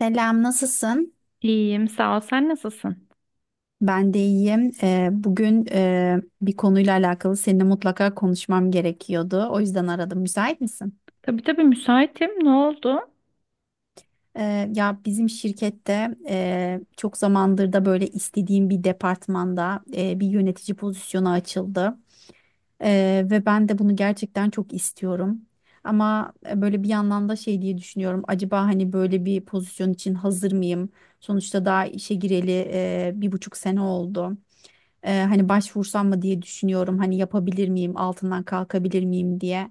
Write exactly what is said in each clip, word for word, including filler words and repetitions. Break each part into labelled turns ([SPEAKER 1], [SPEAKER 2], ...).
[SPEAKER 1] Selam, nasılsın?
[SPEAKER 2] İyiyim, sağ ol. Sen nasılsın?
[SPEAKER 1] Ben de iyiyim. Ee, bugün e, bir konuyla alakalı seninle mutlaka konuşmam gerekiyordu. O yüzden aradım. Müsait misin?
[SPEAKER 2] Tabii tabii müsaitim. Ne oldu?
[SPEAKER 1] Ee, ya bizim şirkette e, çok zamandır da böyle istediğim bir departmanda e, bir yönetici pozisyonu açıldı. Ee, ve ben de bunu gerçekten çok istiyorum. Ama e, böyle bir yandan da şey diye düşünüyorum. Acaba hani böyle bir pozisyon için hazır mıyım? Sonuçta daha işe gireli e, bir buçuk sene oldu. Ee, hani başvursam mı diye düşünüyorum. Hani yapabilir miyim, altından kalkabilir miyim diye.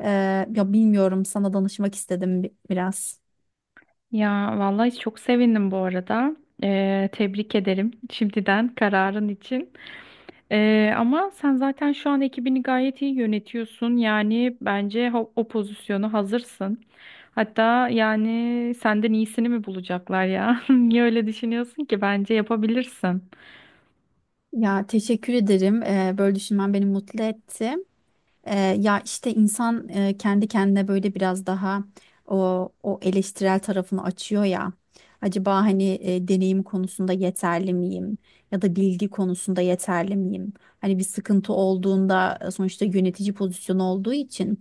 [SPEAKER 1] Ee, ya bilmiyorum sana danışmak istedim bi- biraz.
[SPEAKER 2] Ya vallahi çok sevindim bu arada. Ee, tebrik ederim şimdiden kararın için. Ee, ama sen zaten şu an ekibini gayet iyi yönetiyorsun. Yani bence o, o pozisyonu hazırsın. Hatta yani senden iyisini mi bulacaklar ya? Niye öyle düşünüyorsun ki? Bence yapabilirsin.
[SPEAKER 1] Ya teşekkür ederim. Ee, böyle düşünmen beni mutlu etti. Ee, ya işte insan e, kendi kendine böyle biraz daha o, o eleştirel tarafını açıyor ya. Acaba hani e, deneyim konusunda yeterli miyim? Ya da bilgi konusunda yeterli miyim? Hani bir sıkıntı olduğunda e, sonuçta yönetici pozisyonu olduğu için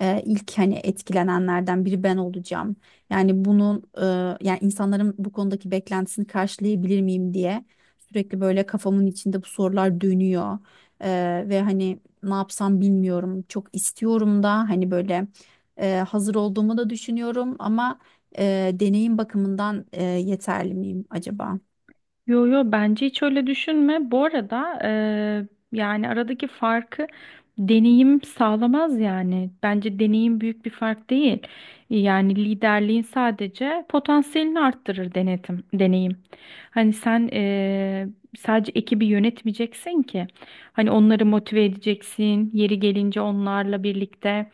[SPEAKER 1] e, ilk hani etkilenenlerden biri ben olacağım. Yani bunun e, yani insanların bu konudaki beklentisini karşılayabilir miyim diye sürekli böyle kafamın içinde bu sorular dönüyor. E, ve hani ne yapsam bilmiyorum. Çok istiyorum da hani böyle e, hazır olduğumu da düşünüyorum ama e, deneyim bakımından e, yeterli miyim acaba?
[SPEAKER 2] Yo yo, bence hiç öyle düşünme. Bu arada eee, yani aradaki farkı deneyim sağlamaz yani. Bence deneyim büyük bir fark değil. Yani liderliğin sadece potansiyelini arttırır denetim, deneyim. Hani sen eee, sadece ekibi yönetmeyeceksin ki. Hani onları motive edeceksin. Yeri gelince onlarla birlikte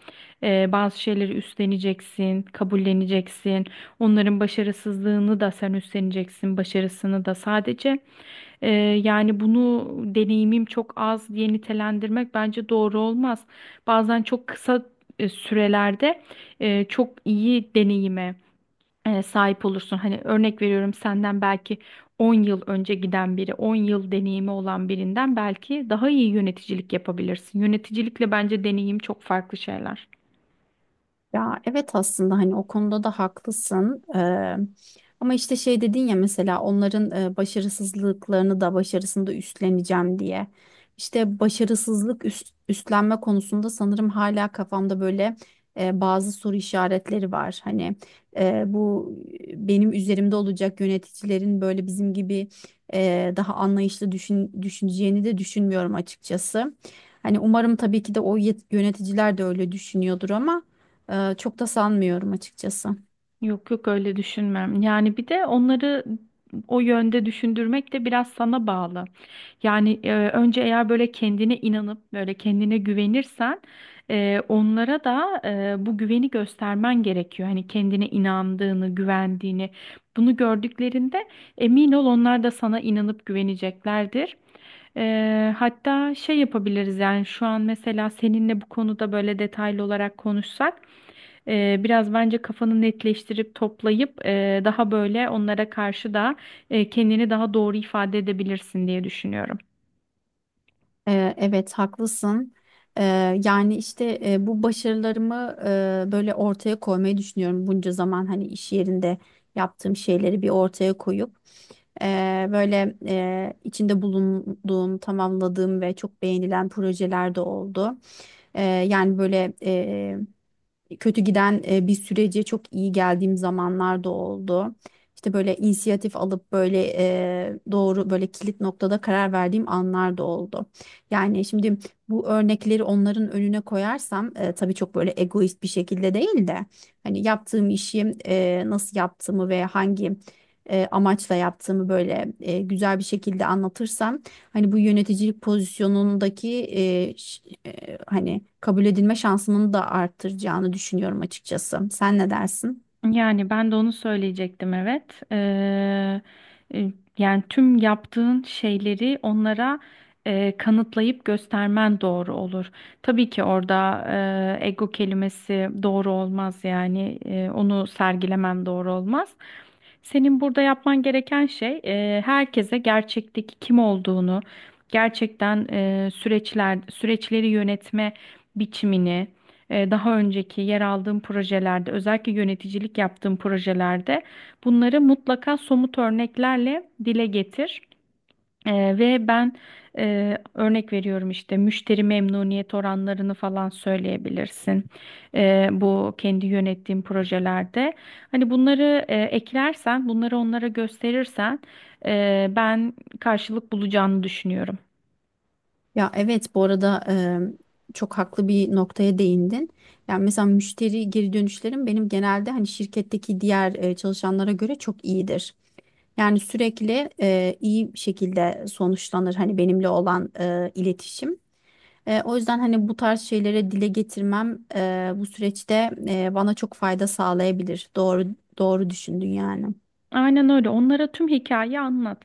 [SPEAKER 2] eee, bazı şeyleri üstleneceksin, kabulleneceksin. Onların başarısızlığını da sen üstleneceksin, başarısını da sadece. e, Yani bunu deneyimim çok az diye nitelendirmek bence doğru olmaz. Bazen çok kısa e, sürelerde e, çok iyi deneyime e, sahip olursun. Hani örnek veriyorum, senden belki on yıl önce giden biri, on yıl deneyimi olan birinden belki daha iyi yöneticilik yapabilirsin. Yöneticilikle bence deneyim çok farklı şeyler.
[SPEAKER 1] Ya evet aslında hani o konuda da haklısın. Eee, ama işte şey dedin ya mesela onların e, başarısızlıklarını da başarısını da üstleneceğim diye. İşte başarısızlık üst- üstlenme konusunda sanırım hala kafamda böyle e, bazı soru işaretleri var. Hani e, bu benim üzerimde olacak yöneticilerin böyle bizim gibi e, daha anlayışlı düşün, düşüneceğini de düşünmüyorum açıkçası. Hani umarım tabii ki de o yet- yöneticiler de öyle düşünüyordur ama. Ee, çok da sanmıyorum açıkçası.
[SPEAKER 2] Yok yok, öyle düşünmem. Yani bir de onları o yönde düşündürmek de biraz sana bağlı. Yani e, önce eğer böyle kendine inanıp böyle kendine güvenirsen e, onlara da e, bu güveni göstermen gerekiyor. Hani kendine inandığını, güvendiğini bunu gördüklerinde emin ol, onlar da sana inanıp güveneceklerdir. Eee, hatta şey yapabiliriz, yani şu an mesela seninle bu konuda böyle detaylı olarak konuşsak ee, biraz bence kafanı netleştirip toplayıp e, daha böyle onlara karşı da e, kendini daha doğru ifade edebilirsin diye düşünüyorum.
[SPEAKER 1] Ee, evet haklısın. Ee, yani işte e, bu başarılarımı e, böyle ortaya koymayı düşünüyorum bunca zaman hani iş yerinde yaptığım şeyleri bir ortaya koyup e, böyle e, içinde bulunduğum, tamamladığım ve çok beğenilen projeler de oldu. E, yani böyle kötü giden e, bir sürece çok iyi geldiğim zamanlar da oldu. İşte böyle inisiyatif alıp böyle e, doğru böyle kilit noktada karar verdiğim anlar da oldu. Yani şimdi bu örnekleri onların önüne koyarsam e, tabii çok böyle egoist bir şekilde değil de hani yaptığım işi e, nasıl yaptığımı ve hangi e, amaçla yaptığımı böyle e, güzel bir şekilde anlatırsam hani bu yöneticilik pozisyonundaki hani kabul edilme şansımın da arttıracağını düşünüyorum açıkçası. Sen ne dersin?
[SPEAKER 2] Yani ben de onu söyleyecektim, evet. Eee, e, Yani tüm yaptığın şeyleri onlara e, kanıtlayıp göstermen doğru olur. Tabii ki orada e, ego kelimesi doğru olmaz, yani e, onu sergilemen doğru olmaz. Senin burada yapman gereken şey e, herkese gerçekteki kim olduğunu, gerçekten e, süreçler süreçleri yönetme biçimini e, daha önceki yer aldığım projelerde, özellikle yöneticilik yaptığım projelerde bunları mutlaka somut örneklerle dile getir. E, ve ben e, örnek veriyorum, işte müşteri memnuniyet oranlarını falan söyleyebilirsin. E, bu kendi yönettiğim projelerde. Hani bunları e, eklersen, bunları onlara gösterirsen e, ben karşılık bulacağını düşünüyorum.
[SPEAKER 1] Ya evet bu arada e, çok haklı bir noktaya değindin. Yani mesela müşteri geri dönüşlerim benim genelde hani şirketteki diğer e, çalışanlara göre çok iyidir. Yani sürekli e, iyi şekilde sonuçlanır hani benimle olan e, iletişim. E, o yüzden hani bu tarz şeylere dile getirmem e, bu süreçte e, bana çok fayda sağlayabilir. Doğru doğru düşündün yani.
[SPEAKER 2] Aynen öyle. Onlara tüm hikayeyi anlat.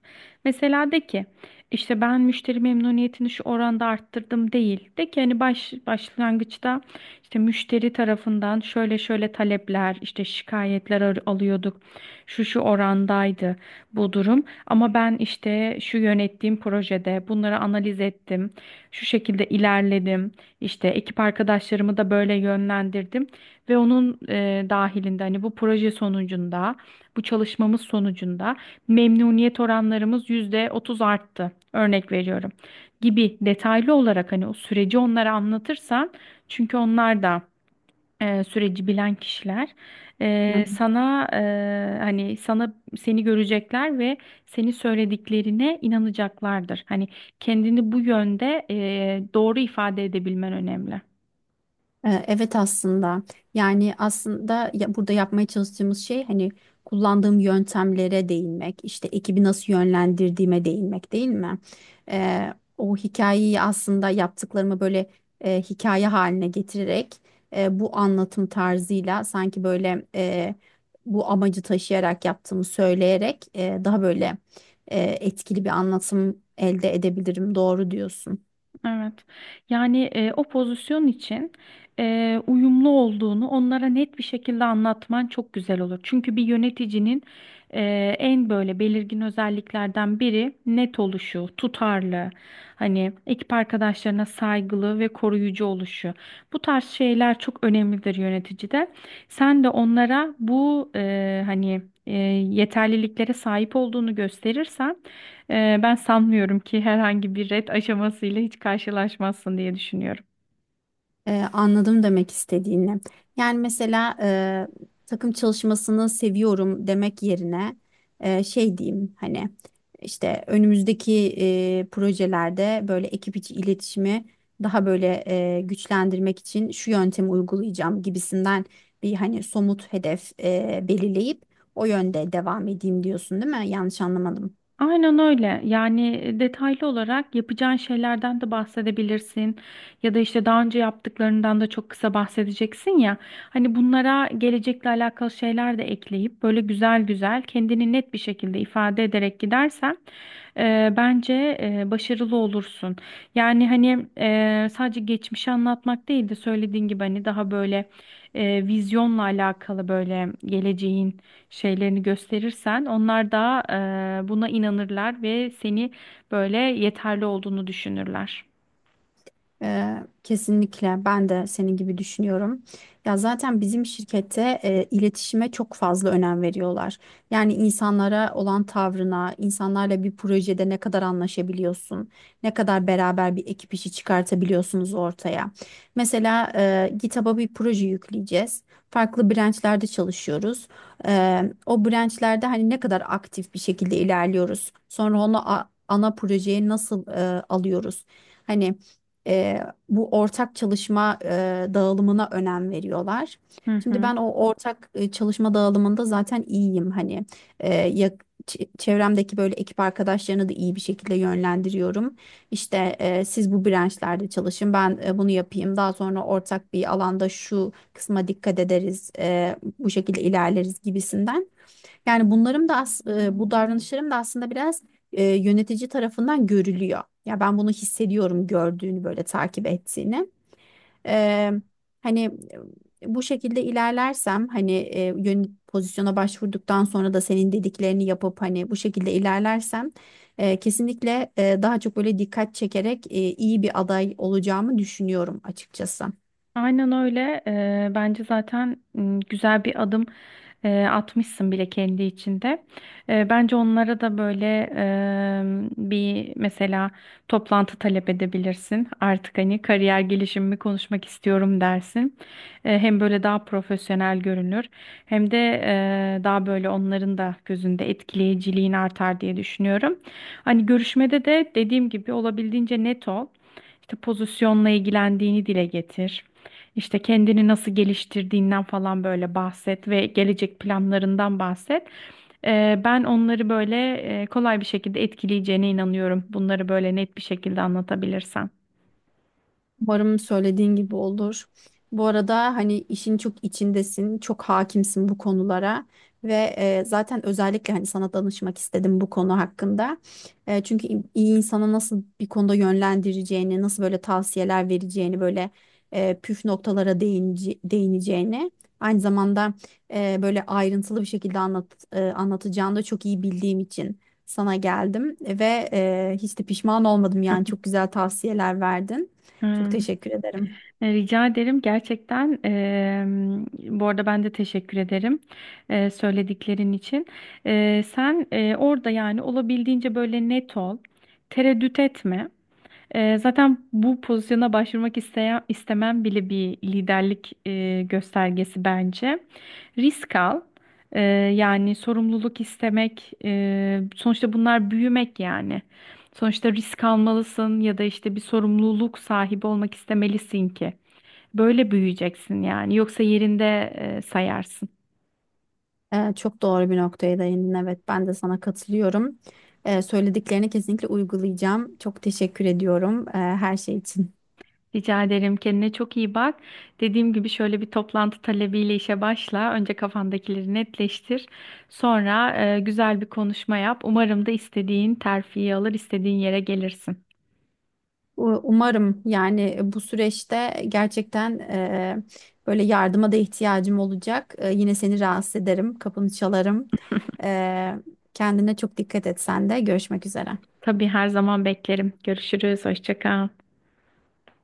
[SPEAKER 2] Mesela de ki, işte ben müşteri memnuniyetini şu oranda arttırdım değil. De ki hani baş, başlangıçta işte müşteri tarafından şöyle şöyle talepler, işte şikayetler al- alıyorduk. Şu şu orandaydı bu durum. Ama ben işte şu yönettiğim projede bunları analiz ettim. Şu şekilde ilerledim. İşte ekip arkadaşlarımı da böyle yönlendirdim ve onun e, dahilinde hani bu proje sonucunda, bu çalışmamız sonucunda memnuniyet oranlarımız yüzde otuz arttı. Örnek veriyorum. Gibi detaylı olarak hani o süreci onlara anlatırsan, çünkü onlar da e, süreci bilen kişiler, e,
[SPEAKER 1] Evet.
[SPEAKER 2] sana e, hani sana seni görecekler ve senin söylediklerine inanacaklardır. Hani kendini bu yönde e, doğru ifade edebilmen önemli.
[SPEAKER 1] Ee, Evet aslında yani aslında ya- burada yapmaya çalıştığımız şey hani kullandığım yöntemlere değinmek işte ekibi nasıl yönlendirdiğime değinmek değil mi? Ee, o hikayeyi aslında yaptıklarımı böyle e, hikaye haline getirerek e, bu anlatım tarzıyla sanki böyle e, bu amacı taşıyarak yaptığımı söyleyerek e, daha böyle e, etkili bir anlatım elde edebilirim doğru diyorsun.
[SPEAKER 2] Evet. Yani e, o pozisyon için e, uyumlu olduğunu onlara net bir şekilde anlatman çok güzel olur. Çünkü bir yöneticinin e, en böyle belirgin özelliklerden biri net oluşu, tutarlı, hani ekip arkadaşlarına saygılı ve koruyucu oluşu. Bu tarz şeyler çok önemlidir yöneticide. Sen de onlara bu e, hani e, yeterliliklere sahip olduğunu gösterirsen ee, ben sanmıyorum ki herhangi bir ret aşamasıyla hiç karşılaşmazsın diye düşünüyorum.
[SPEAKER 1] Ee, anladım demek istediğini. Yani mesela e, takım çalışmasını seviyorum demek yerine e, şey diyeyim hani işte önümüzdeki e, projelerde böyle ekip içi iletişimi daha böyle e, güçlendirmek için şu yöntemi uygulayacağım gibisinden bir hani somut hedef e, belirleyip o yönde devam edeyim diyorsun değil mi? Yanlış anlamadım.
[SPEAKER 2] Aynen öyle. Yani detaylı olarak yapacağın şeylerden de bahsedebilirsin. Ya da işte daha önce yaptıklarından da çok kısa bahsedeceksin ya. Hani bunlara gelecekle alakalı şeyler de ekleyip böyle güzel güzel kendini net bir şekilde ifade ederek gidersen e, bence e, başarılı olursun. Yani hani e, sadece geçmişi anlatmak değil de söylediğin gibi hani daha böyle e, vizyonla alakalı böyle geleceğin şeylerini gösterirsen onlar da e, buna inanırlar ve seni böyle yeterli olduğunu düşünürler.
[SPEAKER 1] Ee, kesinlikle ben de senin gibi düşünüyorum. Ya zaten bizim şirkette e, iletişime çok fazla önem veriyorlar. Yani insanlara olan tavrına, insanlarla bir projede ne kadar anlaşabiliyorsun, ne kadar beraber bir ekip işi çıkartabiliyorsunuz ortaya. Mesela e, GitHub'a bir proje yükleyeceğiz. Farklı branchlerde çalışıyoruz. Ee, o branchlerde hani ne kadar aktif bir şekilde ilerliyoruz. Sonra onu a- ana projeye nasıl e, alıyoruz? Hani e, bu ortak çalışma e, dağılımına önem veriyorlar.
[SPEAKER 2] Hı
[SPEAKER 1] Şimdi
[SPEAKER 2] hı.
[SPEAKER 1] ben o ortak e, çalışma dağılımında zaten iyiyim hani e, ya- ç- çevremdeki böyle ekip arkadaşlarını da iyi bir şekilde yönlendiriyorum. İşte e, siz bu branşlarda çalışın, ben e, bunu yapayım. Daha sonra ortak bir alanda şu kısma dikkat ederiz, e, bu şekilde ilerleriz gibisinden. Yani bunlarım da as e, bu davranışlarım da aslında biraz e, yönetici tarafından görülüyor. Ya ben bunu hissediyorum gördüğünü böyle takip ettiğini. Eee, hani e, bu şekilde ilerlersem hani e, yön pozisyona başvurduktan sonra da senin dediklerini yapıp hani bu şekilde ilerlersem e, kesinlikle e, daha çok böyle dikkat çekerek e, iyi bir aday olacağımı düşünüyorum açıkçası.
[SPEAKER 2] Aynen öyle. Eee, bence zaten m, güzel bir adım eee, atmışsın bile kendi içinde. Eee, bence onlara da böyle eee, bir mesela toplantı talep edebilirsin. Artık hani kariyer gelişimimi konuşmak istiyorum dersin. Eee, hem böyle daha profesyonel görünür, hem de eee, daha böyle onların da gözünde etkileyiciliğin artar diye düşünüyorum. Hani görüşmede de dediğim gibi olabildiğince net ol. İşte pozisyonla ilgilendiğini dile getir. İşte kendini nasıl geliştirdiğinden falan böyle bahset ve gelecek planlarından bahset. Ee, ben onları böyle e, kolay bir şekilde etkileyeceğine inanıyorum. Bunları böyle net bir şekilde anlatabilirsen.
[SPEAKER 1] Umarım söylediğin gibi olur. Bu arada hani işin çok içindesin, çok hakimsin bu konulara ve e, zaten özellikle hani sana danışmak istedim bu konu hakkında. E, çünkü iyi insana nasıl bir konuda yönlendireceğini, nasıl böyle tavsiyeler vereceğini, böyle e, püf noktalara değince- değineceğini, aynı zamanda e, böyle ayrıntılı bir şekilde anlat, e, anlatacağını da çok iyi bildiğim için sana geldim ve e, hiç de pişman olmadım yani çok güzel tavsiyeler verdin. Çok
[SPEAKER 2] Hmm,
[SPEAKER 1] teşekkür ederim.
[SPEAKER 2] e, Rica ederim gerçekten. eee, bu arada ben de teşekkür ederim eee, söylediklerin için. Eee, sen eee, orada yani olabildiğince böyle net ol, tereddüt etme. Ee, zaten bu pozisyona başvurmak isteyen, istemem bile bir liderlik e, göstergesi bence. Risk al. Ee, Yani sorumluluk istemek. E, sonuçta bunlar büyümek yani. Sonuçta risk almalısın ya da işte bir sorumluluk sahibi olmak istemelisin ki. Böyle büyüyeceksin yani. Yoksa yerinde e, sayarsın.
[SPEAKER 1] Ee, çok doğru bir noktaya değindin. Evet, ben de sana katılıyorum. Ee, söylediklerini kesinlikle uygulayacağım. Çok teşekkür ediyorum e, her şey için.
[SPEAKER 2] Rica ederim. Kendine çok iyi bak. Dediğim gibi şöyle bir toplantı talebiyle işe başla. Önce kafandakileri netleştir. Sonra e, güzel bir konuşma yap. Umarım da istediğin terfiyi alır, istediğin yere gelirsin.
[SPEAKER 1] U- Umarım yani bu süreçte gerçekten e, böyle yardıma da ihtiyacım olacak. E, yine seni rahatsız ederim, kapını çalarım. E, kendine çok dikkat et sen de. Görüşmek üzere.
[SPEAKER 2] Tabii her zaman beklerim. Görüşürüz. Hoşça kal.